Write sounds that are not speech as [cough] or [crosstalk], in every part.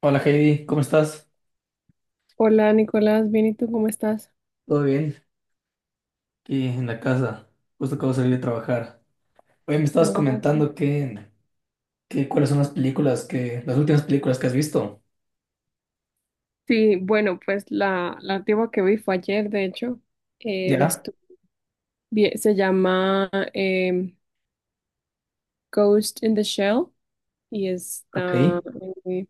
Hola Heidi, ¿cómo estás? Hola Nicolás, bien, ¿y tú cómo estás? ¿Todo bien? Aquí en la casa, justo acabo de salir de trabajar. Oye, me estabas Oh, comentando que cuáles son las películas las últimas películas que has visto. sí, bueno, pues la antigua que vi fue ayer, de hecho, eh, la ¿Ya? estu- se llama em, Ghost in the Shell y Ok, está eh,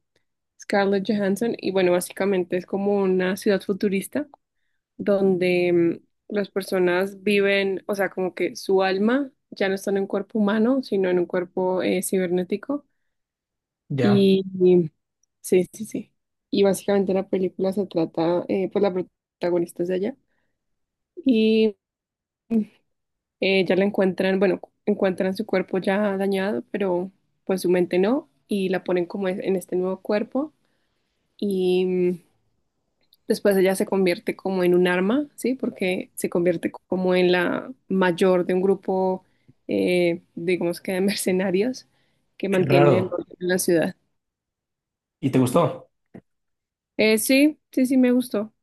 Scarlett Johansson y bueno, básicamente es como una ciudad futurista donde las personas viven, o sea, como que su alma ya no está en un cuerpo humano, sino en un cuerpo cibernético. ya. Y Sí, sí, sí. Y básicamente la película se trata, pues la protagonista es de allá. Y ya la encuentran, bueno, encuentran su cuerpo ya dañado, pero pues su mente no. Y la ponen como en este nuevo cuerpo. Y mm, Después ella se convierte como en un arma, ¿sí? Porque se convierte como en la mayor de un grupo, digamos que de [laughs] mercenarios que Qué mantienen el raro. orden en la ciudad. ¿Y te gustó? Sí, sí, sí, me gustó.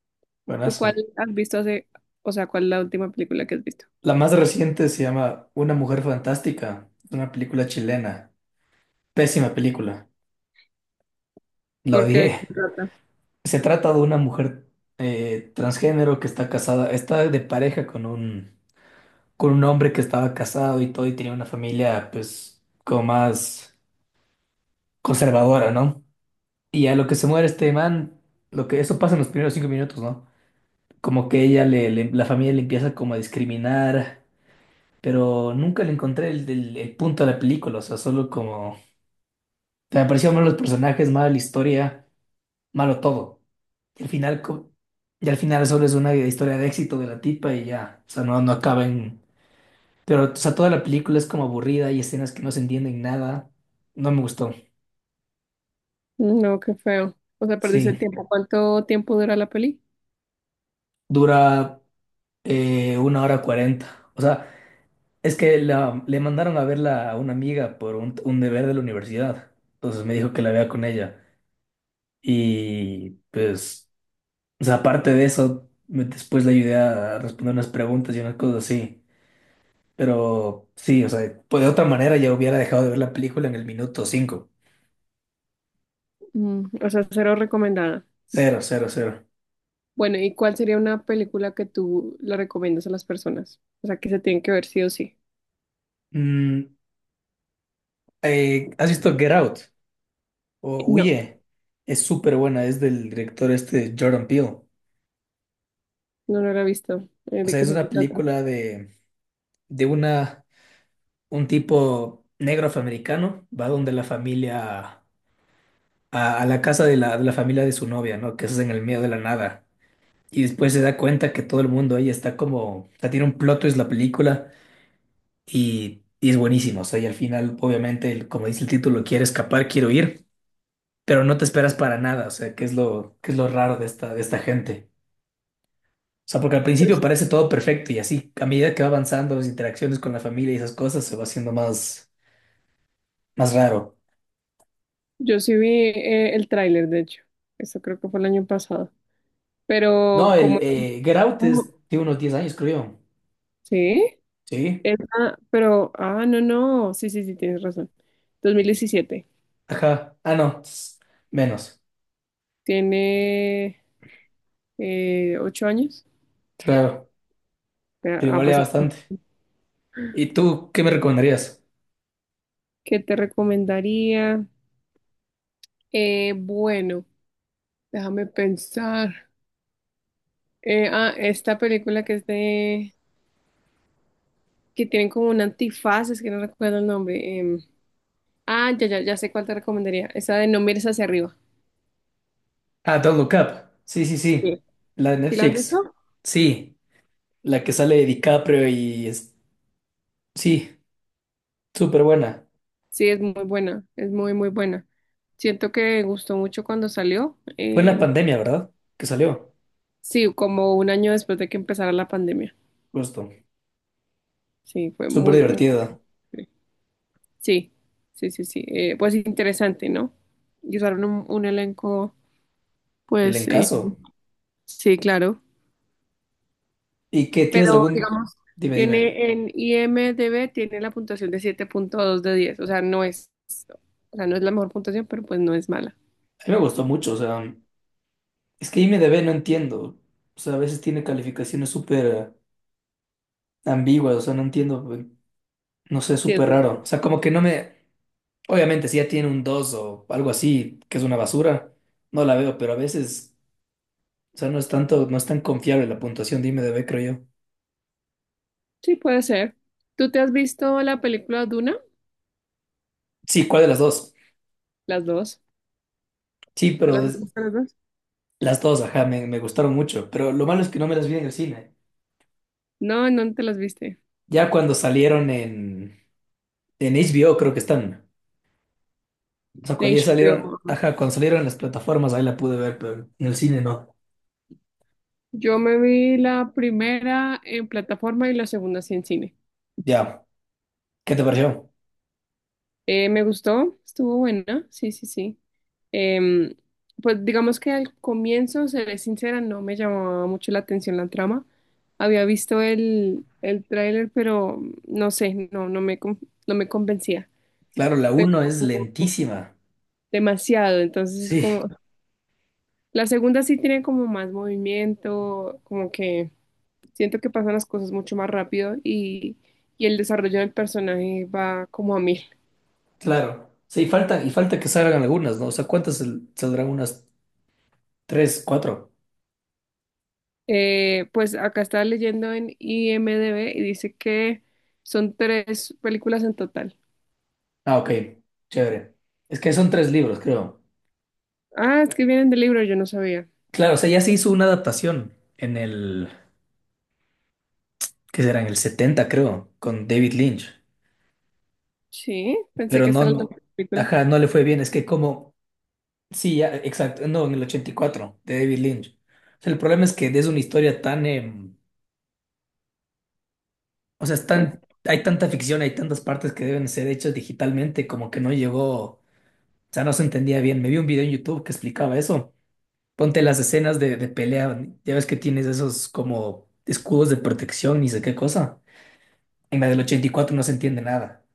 ¿Tú Buenazo. cuál has visto o sea, cuál es la última película que has visto? La más reciente se llama Una Mujer Fantástica. Es una película chilena. Pésima película. La Porque ¿de odié. qué se trata? Se trata de una mujer transgénero que está casada, está de pareja con un hombre que estaba casado y todo y tenía una familia pues como más conservadora, ¿no? Y a lo que se muere este man, lo que eso pasa en los primeros 5 minutos, ¿no? Como que ella la familia le empieza como a discriminar, pero nunca le encontré el punto de la película, o sea, solo como me pareció mal los personajes, mal la historia, malo todo. Y al final co- y al final solo es una historia de éxito de la tipa y ya, o sea, no, no acaba en. Pero, o sea, toda la película es como aburrida, hay escenas que no se entienden nada. No me gustó. No, qué feo. O sea, perdiste el Sí, tiempo. ¿Cuánto tiempo dura la peli? dura 1 hora 40. O sea, es que le mandaron a verla a una amiga por un deber de la universidad. Entonces me dijo que la vea con ella. Y pues, o sea, aparte de eso, después le ayudé a responder unas preguntas y unas cosas así. Pero sí, o sea, pues de otra manera ya hubiera dejado de ver la película en el minuto 5. O sea, cero recomendada. Cero, cero, cero. Bueno, ¿y cuál sería una película que tú le recomiendas a las personas? O sea, que se tienen que ver sí o sí. Mm, ¿has visto Get Out? No, Huye. Es súper buena, es del director este Jordan Peele. no, no la he visto. O ¿De sea, qué es se una trata? película de un tipo negro afroamericano, va donde la familia, a la casa de la familia de su novia, ¿no? Que es en el medio de la nada. Y después se da cuenta que todo el mundo ahí está como, o sea, tiene un plot twist la película y es buenísimo. O sea, y al final, obviamente, el como dice el título, quiere escapar, quiero ir, pero no te esperas para nada. O sea, que es lo raro de esta gente. O sea, porque al Pues, principio parece todo perfecto y así, a medida que va avanzando las interacciones con la familia y esas cosas, se va haciendo más, más raro. yo sí vi el tráiler, de hecho. Eso creo que fue el año pasado. Pero No, el como... Get Out es de unos 10 años, creo yo. ¿Sí? Sí, Esa, pero, ah, no, no, sí, sí, sí, tienes razón. 2017, ajá. Ah, no, menos. tiene 8 años, Claro, ya pero ha igual ya pasado. bastante. ¿Y tú qué me recomendarías? ¿Qué te recomendaría? Bueno, déjame pensar. Ah, esta película que es de, que tienen como un antifaz, es que no recuerdo el nombre. Ah, ya, ya, ya sé cuál te recomendaría. Esa de No mires hacia arriba. Ah, Don't Look Up. Sí, sí, sí. Sí. La de ¿Sí la has Netflix. visto? Sí, la que sale de DiCaprio y es... Sí, súper buena. Sí, es muy buena, es muy, muy buena. Siento que gustó mucho cuando salió. Fue en la pandemia, ¿verdad? Que salió. Sí, como un año después de que empezara la pandemia. Justo. Sí, fue Súper muy, muy... divertida. Sí, sí, sí, sí. Pues interesante, ¿no? Y usaron un elenco, Del pues encaso. sí, claro. ¿Y qué Pero tienes algún? digamos, Dime, dime. tiene en IMDb, tiene la puntuación de 7.2 de 10. O sea, no es, o sea, no es la mejor puntuación, pero pues no es mala. A mí me gustó mucho, o sea, es que IMDb no entiendo. O sea, a veces tiene calificaciones súper ambiguas, o sea, no entiendo, no sé, Sí, es súper raro. buena. O sea, como que no me... Obviamente, si ya tiene un 2 o algo así, que es una basura, no la veo, pero a veces, o sea, no es tanto, no es tan confiable la puntuación de IMDb, creo yo. Sí, puede ser. ¿Tú te has visto la película Duna? Sí, ¿cuál de las dos? Las dos. Sí, ¿Te pero las has visto las dos? las dos, ajá, me gustaron mucho, pero lo malo es que no me las vi en el cine. No, ¿en ¿dónde te las viste? Ya cuando salieron en HBO, creo que están. O sea, En cuando ya salieron, HBO. ajá, cuando salieron en las plataformas, ahí la pude ver, pero en el cine no. Yo me vi la primera en plataforma y la segunda sí en cine. Ya, ¿qué te pareció? Me gustó, estuvo buena, sí, sí, sí. Em, pues digamos que al comienzo, seré sincera, no me llamaba mucho la atención la trama. Había visto el tráiler, pero no sé, no me convencía. Claro, la Pero uno es lentísima. demasiado, entonces es Sí, como... La segunda sí tiene como más movimiento, como que... Siento que pasan las cosas mucho más rápido y el desarrollo del personaje va como a mil. claro. Sí, falta, y falta que salgan algunas, ¿no? O sea, ¿cuántas saldrán? Unas tres, cuatro. Pues acá estaba leyendo en IMDb y dice que son tres películas en total. Ah, ok. Chévere. Es que son tres libros, creo. Ah, es que vienen del libro, yo no sabía. Claro, o sea, ya se hizo una adaptación en el, ¿qué será? En el 70, creo, con David Lynch. Sí, pensé Pero que no, esta era la película. ajá, no le fue bien. Es que como sí, ya, exacto. No, en el 84 de David Lynch. O sea, el problema es que es una historia tan, o sea, es Bueno, tan, hay tanta ficción, hay tantas partes que deben ser hechas digitalmente, como que no llegó, o sea, no se entendía bien. Me vi un video en YouTube que explicaba eso. Ponte las escenas de pelea, ya ves que tienes esos como escudos de protección, ni sé qué cosa. En la del 84 no se entiende nada.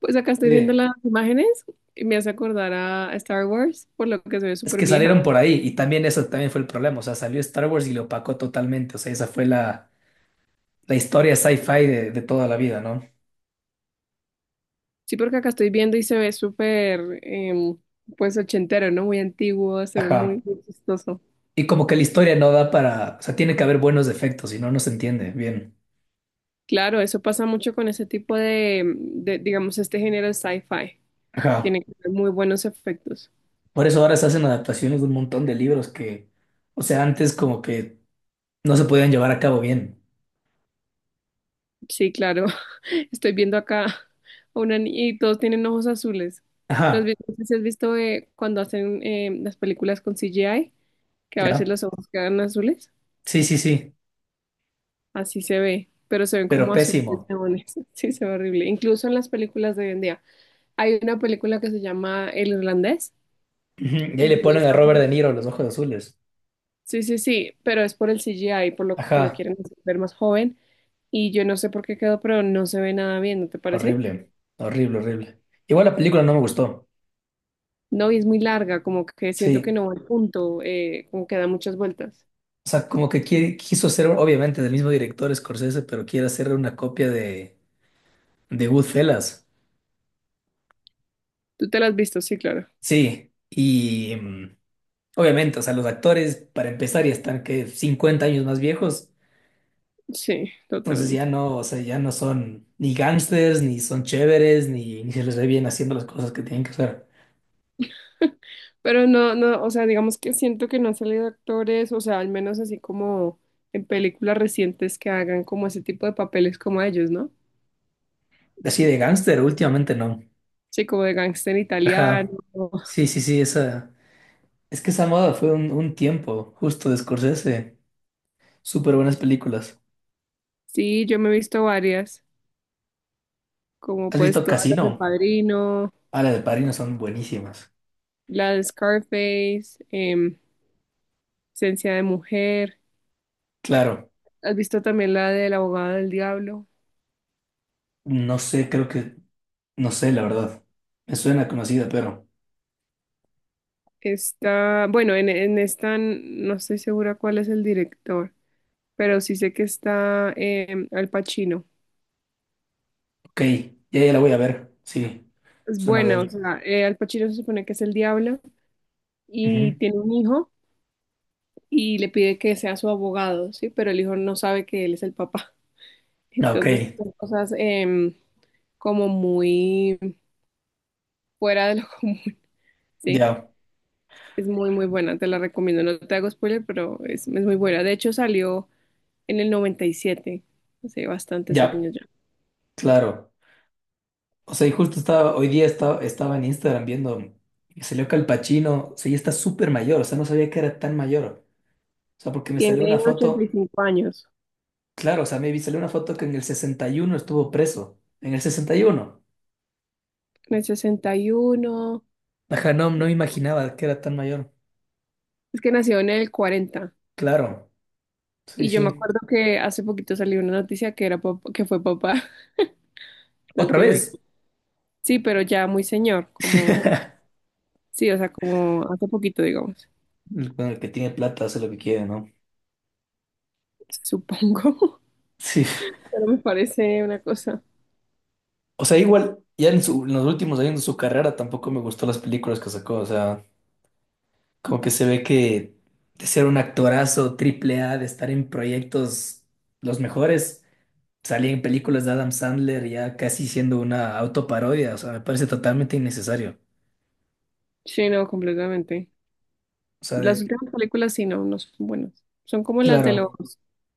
pues acá estoy viendo Sí. las imágenes y me hace acordar a Star Wars, por lo que se ve Es súper que salieron vieja. por ahí y también eso también fue el problema. O sea, salió Star Wars y lo opacó totalmente. O sea, esa fue la historia sci-fi de toda la vida, ¿no? Sí, porque acá estoy viendo y se ve súper, pues ochentero, ¿no? Muy antiguo, se ve muy, Ajá. muy chistoso. Y como que la historia no da para, o sea, tiene que haber buenos efectos, si no, no se entiende bien. Claro, eso pasa mucho con ese tipo digamos, este género de sci-fi. Ajá. Tiene que tener muy buenos efectos. Por eso ahora se hacen adaptaciones de un montón de libros que, o sea, antes como que no se podían llevar a cabo bien. Sí, claro. [laughs] Estoy viendo acá [laughs] a una niña y todos tienen ojos azules. Ajá, No sé si has visto cuando hacen las películas con CGI. Que a veces ya. los ojos quedan azules. Sí, sí, sí, Así se ve, pero se ven pero como azules pésimo. neones. [laughs] Sí, se ve horrible. Incluso en las películas de hoy en día. Hay una película que se llama El Irlandés. Ujú, y ahí Y le ponen a esa Robert De Niro los ojos azules. Sí, sí, sí, pero es por el CGI, por lo que lo Ajá, quieren hacer ver más joven, y yo no sé por qué quedó, pero no se ve nada bien, ¿no te parece? horrible, horrible, horrible. Igual la película no me gustó. No, y es muy larga, como que siento que Sí. no va al punto, como que da muchas vueltas. O sea, como que quiso ser, obviamente, del mismo director Scorsese, pero quiere hacer una copia de Goodfellas. ¿Tú te la has visto? Sí, claro. Sí, y obviamente, o sea, los actores, para empezar, ya están que 50 años más viejos. Sí, Entonces ya totalmente. no, o sea, ya no son ni gángsters, ni son chéveres, ni, ni se les ve bien haciendo las cosas que tienen que hacer. Pero no, no, o sea, digamos que siento que no han salido actores, o sea, al menos así como en películas recientes que hagan como ese tipo de papeles como ellos, ¿no? Así de gángster, últimamente no. Sí, como de gángster italiano. Ajá. Sí, sí, sí, esa. Es que esa moda fue un tiempo justo de Scorsese. Súper buenas películas. Sí, yo me he visto varias, como ¿Has pues visto todas las del Casino? Padrino, Ah, las de Padrino son buenísimas. la de Scarface, Esencia de Mujer. Claro, ¿Has visto también la del abogado del diablo? no sé, creo que, no sé, la verdad. Me suena conocida, pero, Está, bueno, en esta no estoy segura cuál es el director, pero sí sé que está Al Pacino. ok, ya, ya la voy a ver. Sí, Es suena buena, o bien. sea, Al Pacino se supone que es el diablo y Ujú. tiene un hijo y le pide que sea su abogado, ¿sí? Pero el hijo no sabe que él es el papá. [laughs] Ah, ok, Entonces, son cosas em, como muy fuera de lo [laughs] común, ¿sí? ya, Es muy, muy buena, te la recomiendo. No te hago spoiler, pero es muy buena. De hecho, salió en el 97, hace bastantes ya, años ya. claro. O sea, y justo hoy día estaba en Instagram viendo, y salió que Al Pacino, o sea, ya está súper mayor, o sea, no sabía que era tan mayor. O sea, porque me salió Tiene una ochenta y foto, cinco años. claro, o sea, me vi, salió una foto que en el 61 estuvo preso. En el 61, En el 61. ajá, no, no me imaginaba que era tan mayor. Es que nació en el 40. Claro. Sí, Y yo me sí. acuerdo que hace poquito salió una noticia que era que fue papá. [laughs] Entonces, Otra te imaginas. vez. Sí, pero ya muy señor, como, [laughs] sí, o sea, como hace poquito, digamos, Con el que tiene plata hace lo que quiere, ¿no? supongo. Sí, [laughs] Pero me parece una cosa. o sea, igual, ya en los últimos años de su carrera tampoco me gustó las películas que sacó. O sea, como que se ve que de ser un actorazo triple A, de estar en proyectos los mejores, salía en películas de Adam Sandler ya casi siendo una autoparodia. O sea, me parece totalmente innecesario. Sí, no, completamente. O sea, Las últimas películas sí, no, no son buenas. Son como las de los claro,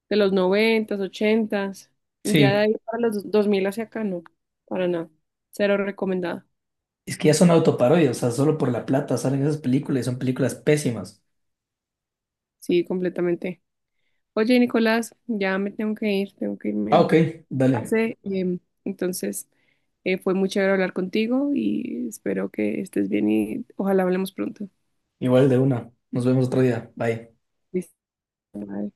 noventas, ochentas. Ya de sí. ahí para los 2000 hacia acá, no, para nada. Cero recomendada. Es que ya son autoparodias, o sea, solo por la plata salen esas películas y son películas pésimas. Sí, completamente. Oye, Nicolás, ya me tengo que ir, tengo que Ah, irme ok, a dale. clase. Entonces, fue muy chévere hablar contigo y espero que estés bien y ojalá hablemos pronto. Igual de una. Nos vemos otro día. Bye. Listo. Bye.